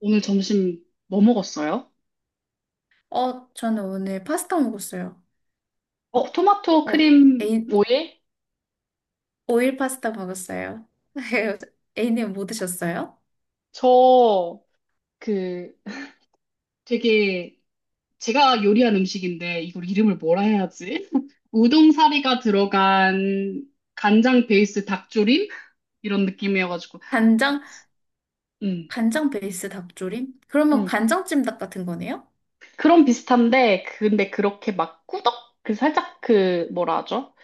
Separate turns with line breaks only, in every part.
오늘 점심 뭐 먹었어요?
저는 오늘 파스타 먹었어요.
어, 토마토
어,
크림
애인,
오일?
오일 파스타 먹었어요. 애인님 뭐 드셨어요?
저, 그, 되게, 제가 요리한 음식인데, 이걸 이름을 뭐라 해야지? 우동사리가 들어간 간장 베이스 닭조림? 이런 느낌이어가지고,
간장,
음,
간장 베이스 닭조림? 그러면
음.
간장찜 닭 같은 거네요?
그런 비슷한데, 근데 그렇게 막 꾸덕? 그 살짝 그, 뭐라 하죠?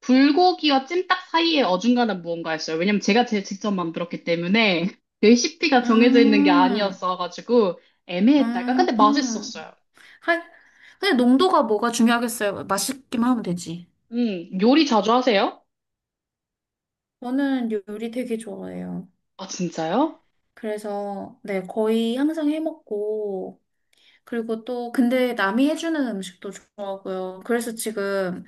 불고기와 찜닭 사이에 어중간한 무언가였어요. 왜냐면 제가 제 직접 만들었기 때문에 레시피가 정해져 있는 게
음,
아니었어가지고 애매했다가
음,
근데
음.
맛있었어요.
하, 근데 농도가 뭐가 중요하겠어요? 맛있기만 하면 되지.
요리 자주 하세요?
저는 요리 되게 좋아해요.
아, 진짜요?
그래서, 네, 거의 항상 해 먹고, 그리고 또, 근데 남이 해주는 음식도 좋아하고요. 그래서 지금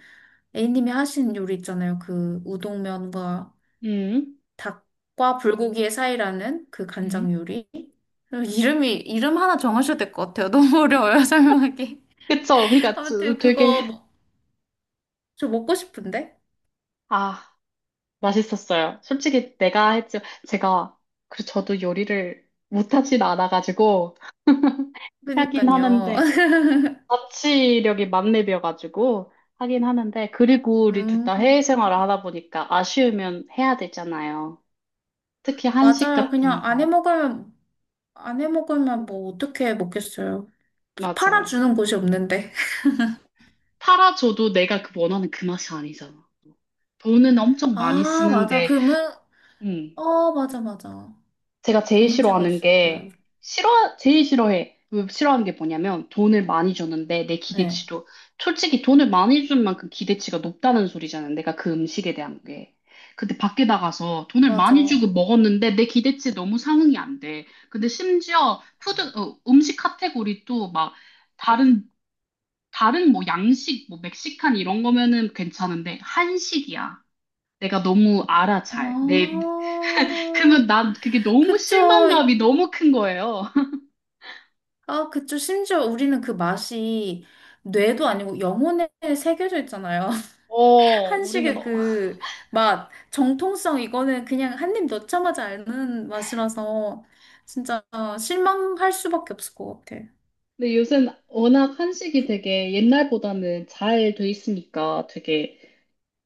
A님이 하신 요리 있잖아요. 그 우동면과
음,
닭과 불고기의 사이라는 그 간장
음.
요리. 이름 하나 정하셔야 될 것 같아요. 너무 어려워요, 설명하기.
그쵸. 그러니까
아무튼 그거 먹- 저 먹고 싶은데?
아, 맛있었어요. 솔직히 내가 했죠. 제가 그 저도 요리를 못하진 않아가지고 하긴
그니까요.
하는데 자치력이 만렙이어가지고 하긴 하는데 그리고 우리 둘
음,
다 해외 생활을 하다 보니까 아쉬우면 해야 되잖아요. 특히 한식
맞아요. 그냥
같은
안 해
거.
먹으면, 안 해 먹으면 뭐 어떻게 먹겠어요.
맞아요.
팔아주는 곳이 없는데.
팔아줘도 내가 그 원하는 그 맛이 아니잖아. 돈은 엄청 많이
아, 맞아.
쓰는데,
그러면,
응.
어, 맞아, 맞아.
제가
그
제일
문제가
싫어하는
있어요.
게, 싫어, 제일 싫어해. 왜 싫어하는 게 뭐냐면, 돈을 많이 주는데, 내
네,
기대치도, 솔직히 돈을 많이 준 만큼 기대치가 높다는 소리잖아요. 내가 그 음식에 대한 게. 근데 밖에 나가서 돈을 많이
맞아.
주고 먹었는데, 내 기대치에 너무 상응이 안 돼. 근데 심지어, 푸드, 어, 음식 카테고리도 막, 다른, 다른 뭐 양식, 뭐 멕시칸 이런 거면은 괜찮은데, 한식이야. 내가 너무 알아, 잘. 내
아,
그러면 난 그게 너무
그쵸.
실망감이 너무 큰 거예요.
아, 그쵸. 심지어 우리는 그 맛이 뇌도 아니고 영혼에 새겨져 있잖아요.
어, 우리는,
한식의
어.
그 맛, 정통성, 이거는 그냥 한 입 넣자마자 아는 맛이라서 진짜 실망할 수밖에 없을 것 같아.
근데 요새는 워낙 한식이
그
되게 옛날보다는 잘 돼 있으니까 되게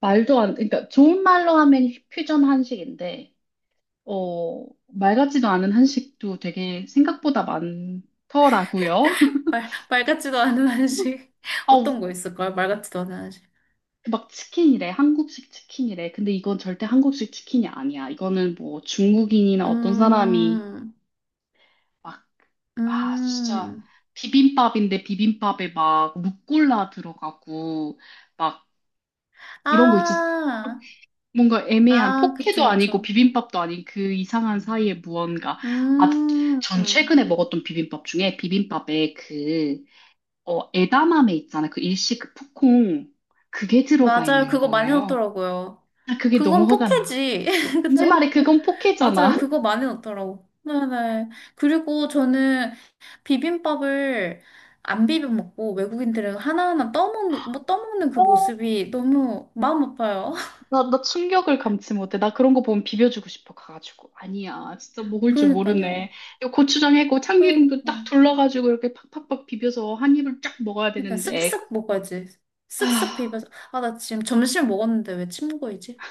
말도 안, 그러니까 좋은 말로 하면 퓨전 한식인데, 어, 말 같지도 않은 한식도 되게 생각보다 많더라고요.
말 같지도 않은 한식. 어떤 거
아우,
있을까요? 말 같지도 않은 한식.
막 치킨이래. 한국식 치킨이래. 근데 이건 절대 한국식 치킨이 아니야. 이거는 뭐 중국인이나 어떤 사람이
음,
막, 아, 진짜,
음.
비빔밥인데 비빔밥에 막 루꼴라 들어가고, 막, 이런 거 있잖아.
아.
뭔가 애매한
아,
포케도
그쵸,
아니고
그쵸.
비빔밥도 아닌 그 이상한 사이에 무언가. 아,
음,
전 최근에 먹었던 비빔밥 중에 비빔밥에 그, 어, 에다마메 있잖아. 그 일식 그 푸콩. 그게 들어가
맞아요.
있는
그거 많이
거예요.
넣더라고요.
아, 그게
그건
너무 화가 나.
포케지.
내
그쵸?
말에 그건 포케잖아.
맞아요. 그거 많이 넣더라고. 네네. 그리고 저는 비빔밥을 안 비벼 먹고 외국인들은 하나하나 떠먹는, 뭐 떠먹는 그
어,
모습이 너무 마음 아파요.
나 충격을 감지 못해. 나 그런 거 보면 비벼주고 싶어. 가가지고. 아니야. 진짜 먹을 줄
그러니까요.
모르네. 이거 고추장 해고 참기름도
그러니까.
딱 둘러가지고 이렇게 팍팍팍 비벼서 한 입을 쫙 먹어야
그러니까
되는데.
쓱쓱 먹어야지. 쓱쓱
아,
비벼서. 아, 나 지금 점심 먹었는데 왜 침묵이지?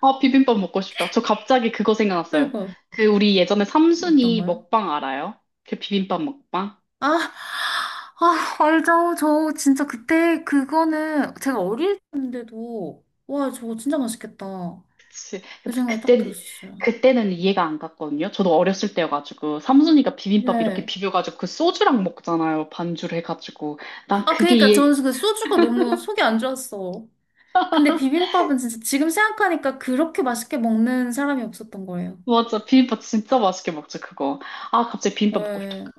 비빔밥 먹고 싶다. 저 갑자기 그거 생각났어요.
그러니까요.
그 우리 예전에 삼순이
어떤가요?
먹방 알아요? 그 비빔밥 먹방?
아, 아, 알죠. 저 진짜 그때 그거는 제가 어릴 때인데도 와, 저거 진짜 맛있겠다.
그치.
그 생각이 딱
그때,
들었어요.
그때는 이해가 안 갔거든요. 저도 어렸을 때여가지고. 삼순이가 비빔밥 이렇게
네.
비벼가지고 그 소주랑 먹잖아요. 반주를 해가지고. 난
아,
그게
그러니까
이해,
저는 그 소주가 너무 속이 안 좋았어. 근데 비빔밥은 진짜 지금 생각하니까 그렇게 맛있게 먹는 사람이 없었던 거예요.
맞아. 비빔밥 진짜 맛있게 먹지, 그거. 아, 갑자기 비빔밥 먹고 싶다.
네.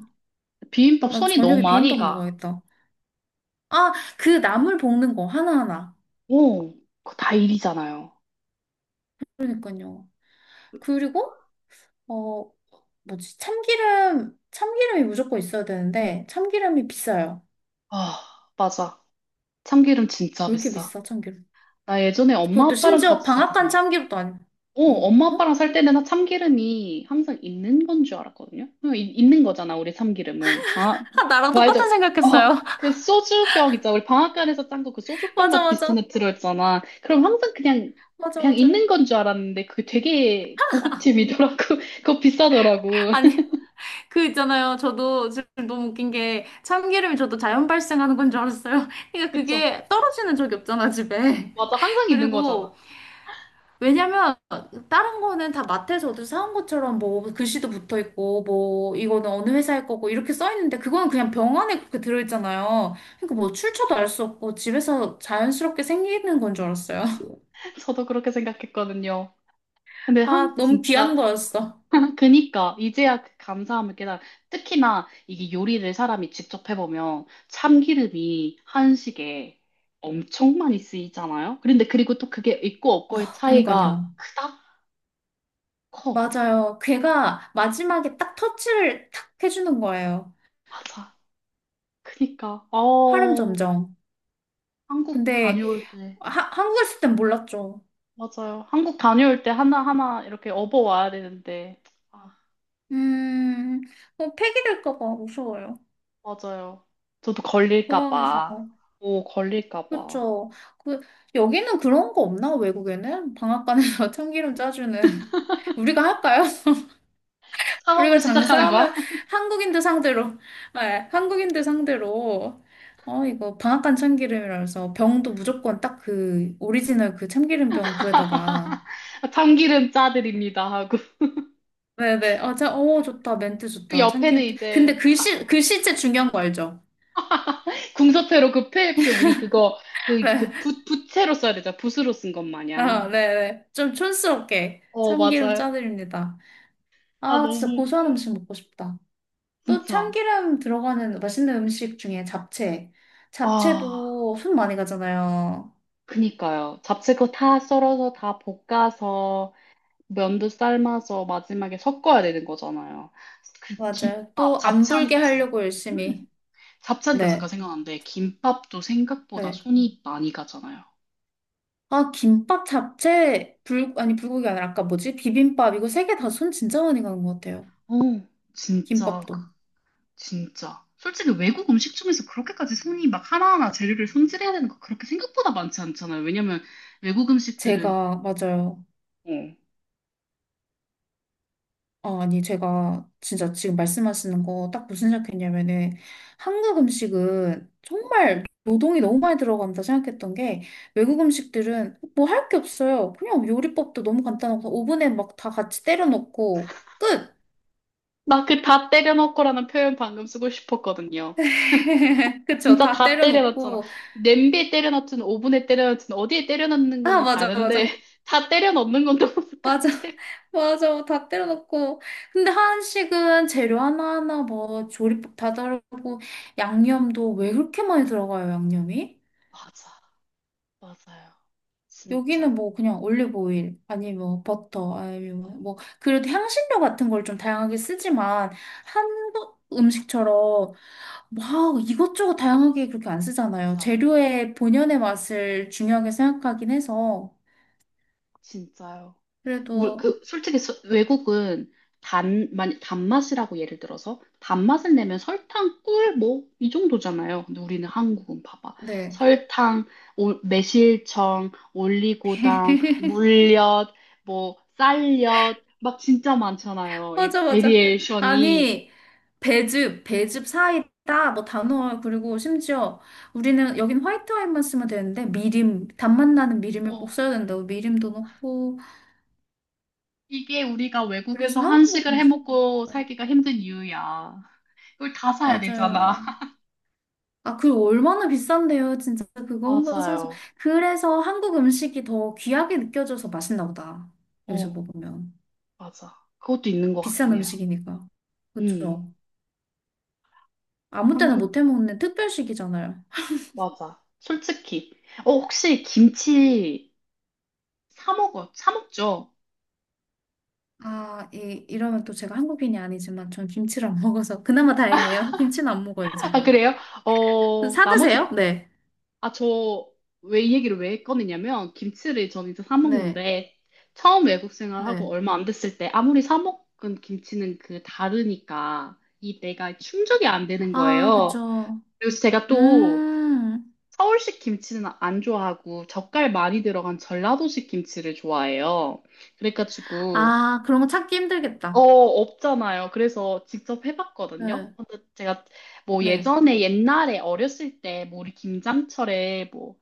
비빔밥
나
손이 너무
저녁에
많이
비빔밥
가.
먹어야겠다. 아, 그 나물 볶는 거 하나하나.
오, 그거 다 일이잖아요.
그러니까요. 그리고 어, 뭐지? 참기름, 참기름이 무조건 있어야 되는데, 참기름이 비싸요.
아, 맞아. 참기름 진짜
왜 이렇게
비싸.
비싸, 참기름?
나 예전에 엄마
그것도
아빠랑
심지어
같이
방앗간
살거든.
참기름도 아니고.
어,
응.
엄마
어?
아빠랑 살 때는 참기름이 항상 있는 건 줄 알았거든요. 그냥 이- 있는 거잖아, 우리 참기름은. 방
아, 나랑
말도,
똑같은
어,
생각했어요.
그 소주병 있잖아. 우리 방앗간에서 짠 거 그 소주병
맞아,
같은 비슷한
맞아.
데 들어있잖아. 그럼 항상 그냥,
맞아,
그냥
맞아.
있는 건 줄 알았는데 그게 되게 고급템이더라고. 그거 비싸더라고.
아니, 그 있잖아요. 저도 지금 너무 웃긴 게 참기름이 저도 자연 발생하는 건 줄 알았어요. 그러니까
그쵸?
그게 떨어지는 적이 없잖아, 집에.
맞아, 항상 있는
그리고
거잖아.
왜냐면 다른 거는 다 마트에서 어디서 사온 것처럼 뭐 글씨도 붙어 있고 뭐 이거는 어느 회사일 거고 이렇게 써 있는데 그거는 그냥 병 안에 그렇게 들어 있잖아요. 그러니까 뭐 출처도 알 수 없고 집에서 자연스럽게 생기는 건 줄 알았어요.
저도 그렇게 생각했거든요. 근데
아, 너무
진짜.
귀한 거였어.
그니까 이제야 그 감사함을 깨달아. 특히나 이게 요리를 사람이 직접 해보면 참기름이 한식에 엄청 많이 쓰이잖아요. 그런데 그리고 또 그게 있고 없고의
와,
차이가
그니까요.
크다? 커.
맞아요. 걔가 마지막에 딱 터치를 탁 해주는 거예요.
맞아. 그니까
화름 점정.
한국
근데
다녀올 때
하, 한국에 있을 땐 몰랐죠.
맞아요. 한국 다녀올 때 하나하나 이렇게 업어와야 되는데 아
음, 뭐 폐기될까 봐 무서워요.
맞아요. 저도 걸릴까
공항에서.
봐. 오 걸릴까 봐.
그쵸. 그, 여기는 그런 거 없나? 외국에는? 방앗간에서 참기름 짜주는. 우리가 할까요?
사업을
우리가
시작하는 거야?
장사하면 한국인들 상대로, 네, 한국인들 상대로. 어, 이거 방앗간 참기름이라서 병도 무조건 딱 그 오리지널 그 참기름 병 구에다가.
참기름 짜드립니다 하고
네네. 아, 자, 오, 좋다. 멘트
그
좋다.
옆에는
참기름. 근데
이제
글씨, 글씨체 중요한 거 알죠?
궁서체로 그 폐, 그 우리 그거 그,
네.
그 붓, 붓채로 써야 되잖아 붓으로 쓴 것
아,
마냥
네네. 좀 촌스럽게
어
참기름
맞아요
짜드립니다.
아
아, 진짜
너무
고소한
웃겨
음식 먹고 싶다. 또
진짜
참기름 들어가는 맛있는 음식 중에 잡채.
아
잡채도 손 많이 가잖아요.
그니까요 잡채거 다 썰어서 다 볶아서 면도 삶아서 마지막에 섞어야 되는 거잖아요 그
맞아요.
김밥
또 안 불게
잡채하니까 생각
하려고
음,
열심히.
잡채하니까 잠깐
네,
생각났는데 김밥도 생각보다
네.
손이 많이 가잖아요
아, 김밥, 잡채, 아니, 불고기 아니라 아까 뭐지? 비빔밥. 이거 세 개 다 손 진짜 많이 가는 것 같아요.
어 진짜
김밥도.
진짜. 솔직히 외국 음식 중에서 그렇게까지 손이 막 하나하나 재료를 손질해야 되는 거 그렇게 생각보다 많지 않잖아요. 왜냐면 외국 음식들은,
제가, 맞아요.
어.
아니, 제가 진짜 지금 말씀하시는 거 딱 무슨 생각했냐면은 한국 음식은 정말 노동이 너무 많이 들어간다 생각했던 게 외국 음식들은 뭐 할 게 없어요. 그냥 요리법도 너무 간단하고 오븐에 막 다 같이 때려 넣고 끝!
나 그 다 때려넣고라는 표현 방금 쓰고 싶었거든요.
그쵸,
진짜
다
다
때려
때려넣잖아.
넣고
냄비에 때려넣든 오븐에 때려넣든 어디에 때려넣는
아,
거는
맞아,
다른데
맞아.
다 때려넣는 건 너무 똑같아.
맞아, 맞아, 다 때려 넣고. 근데 한식은 재료 하나하나 뭐 조리법 다 다르고 양념도 왜 그렇게 많이 들어가요, 양념이?
맞아. 맞아요.
여기는
진짜.
뭐 그냥 올리브 오일 아니 뭐 버터 아니 뭐뭐 그래도 향신료 같은 걸 좀 다양하게 쓰지만 한국 음식처럼 막 이것저것 다양하게 그렇게 안 쓰잖아요.
맞아.
재료의 본연의 맛을 중요하게 생각하긴 해서
진짜요.
그래도
그 솔직히 외국은 단, 만 단맛이라고 예를 들어서 단맛을 내면 설탕, 꿀, 뭐 이 정도잖아요. 근데 우리는 한국은 봐봐.
네.
설탕, 매실청, 올리고당, 물엿, 뭐 쌀엿 막 진짜 많잖아요. 이
맞아, 맞아.
베리에이션이
아니, 배즙, 배즙 사이다, 뭐 단호할, 그리고 심지어 우리는 여긴 화이트 와인만 쓰면 되는데, 미림, 단맛 나는 미림을 꼭
어,
써야 된다고, 미림도 넣고,
이게 우리가
그래서
외국에서
한국
한식을 해
음식.
먹고 살기가 힘든 이유야. 이걸 다 사야 되잖아.
맞아요. 아, 그 얼마나 비싼데요. 진짜 그거 한번 사서.
맞아요.
그래서 한국 음식이 더 귀하게 느껴져서 맛있나 보다. 여기서
어,
먹으면.
맞아. 그것도 있는 것
비싼
같긴 해요.
음식이니까.
음,
그쵸? 아무 때나
한국,
못해 먹는 특별식이잖아요.
맞아. 솔직히. 어, 혹시 김치 사 먹어? 사 먹죠?
아, 이러면 또 제가 한국인이 아니지만 전 김치를 안 먹어서 그나마 다행이에요. 김치는 안 먹어요,
아,
제가.
그래요? 어,
사
나머지,
드세요? 네.
아, 저, 왜 이 얘기를 왜 꺼내냐면, 김치를 저는 이제 사
네.
먹는데, 처음 외국 생활하고
네.
얼마 안 됐을 때, 아무리 사 먹은 김치는 그 다르니까, 이 내가 충족이 안 되는
아,
거예요.
그쵸.
그리고 제가 또,
음.
서울식 김치는 안 좋아하고, 젓갈 많이 들어간 전라도식 김치를 좋아해요. 그래가지고,
아, 그런 거 찾기
어,
힘들겠다.
없잖아요. 그래서 직접 해봤거든요.
네.
근데 제가 뭐
네.
예전에 옛날에 어렸을 때 뭐 우리 김장철에 뭐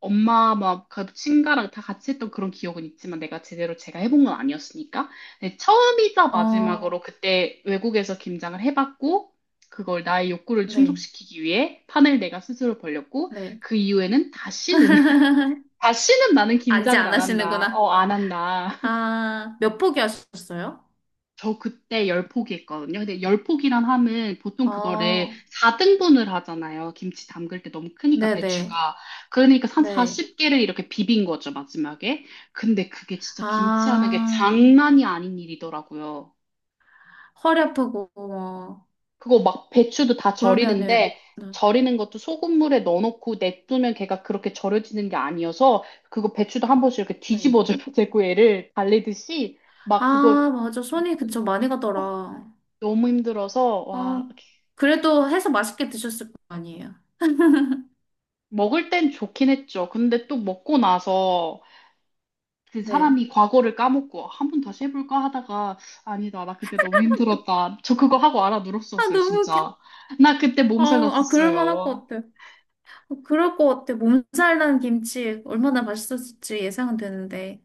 엄마 막 그 친가랑 다 같이 했던 그런 기억은 있지만 내가 제대로 제가 해본 건 아니었으니까. 근데 처음이자
어,
마지막으로 그때 외국에서 김장을 해봤고 그걸 나의 욕구를
네.
충족시키기 위해 판을 내가 스스로 벌렸고
네.
그 이후에는 다시는 다시는 나는
아, 이제
김장을
안
안 한다.
하시는구나.
어, 안 한다.
아, 몇 포기 하셨어요?
저 그때 10포기 했거든요. 근데 10포기란 함은 보통 그거를
어,
4등분을 하잖아요. 김치 담글 때 너무 크니까
네네. 네.
배추가. 그러니까 한
네.
40개를 이렇게 비빈 거죠, 마지막에. 근데 그게 진짜 김치 하는 게
아,
장난이 아닌 일이더라고요.
허리 아프고, 뭐.
그거 막 배추도 다
그러면은,
절이는데,
네.
절이는 것도 소금물에 넣어놓고 냅두면 걔가 그렇게 절여지는 게 아니어서, 그거 배추도 한 번씩 이렇게
네.
뒤집어줘야 되고, 얘를 달래듯이, 막 그거,
아, 맞아. 손이 그쵸. 많이
어,
가더라.
너무 힘들어서, 와,
어, 그래도 해서 맛있게 드셨을 거 아니에요.
먹을 땐 좋긴 했죠. 근데 또 먹고 나서 그
네.
사람이 과거를 까먹고 한 번 다시 해볼까 하다가 아니다. 나 그때 너무 힘들었다. 저 그거 하고 알아
아,
누렀었어요,
너무 웃겨.
진짜. 나 그때
아,
몸살
아, 그럴 만할
났었어요.
것 같아. 아, 그럴 것 같아. 몸살 난 김치 얼마나 맛있었을지 예상은 되는데.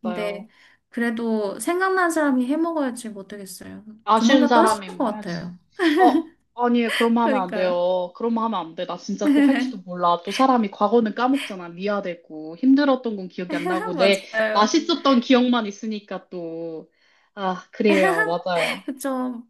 근데
맞아요.
그래도 생각난 사람이 해 먹어야지 못하겠어요.
아쉬운
조만간 또 하실
사람이
것
뭐 해야지.
같아요.
어, 아니, 그럼 하면 안
그러니까요.
돼요. 그럼 하면 안 돼. 나 진짜 또 할지도 몰라. 또 사람이 과거는 까먹잖아. 미화되고. 힘들었던 건 기억이 안 나고. 내
맞아요.
맛있었던 기억만 있으니까 또. 아, 그래요. 맞아요.
그쵸.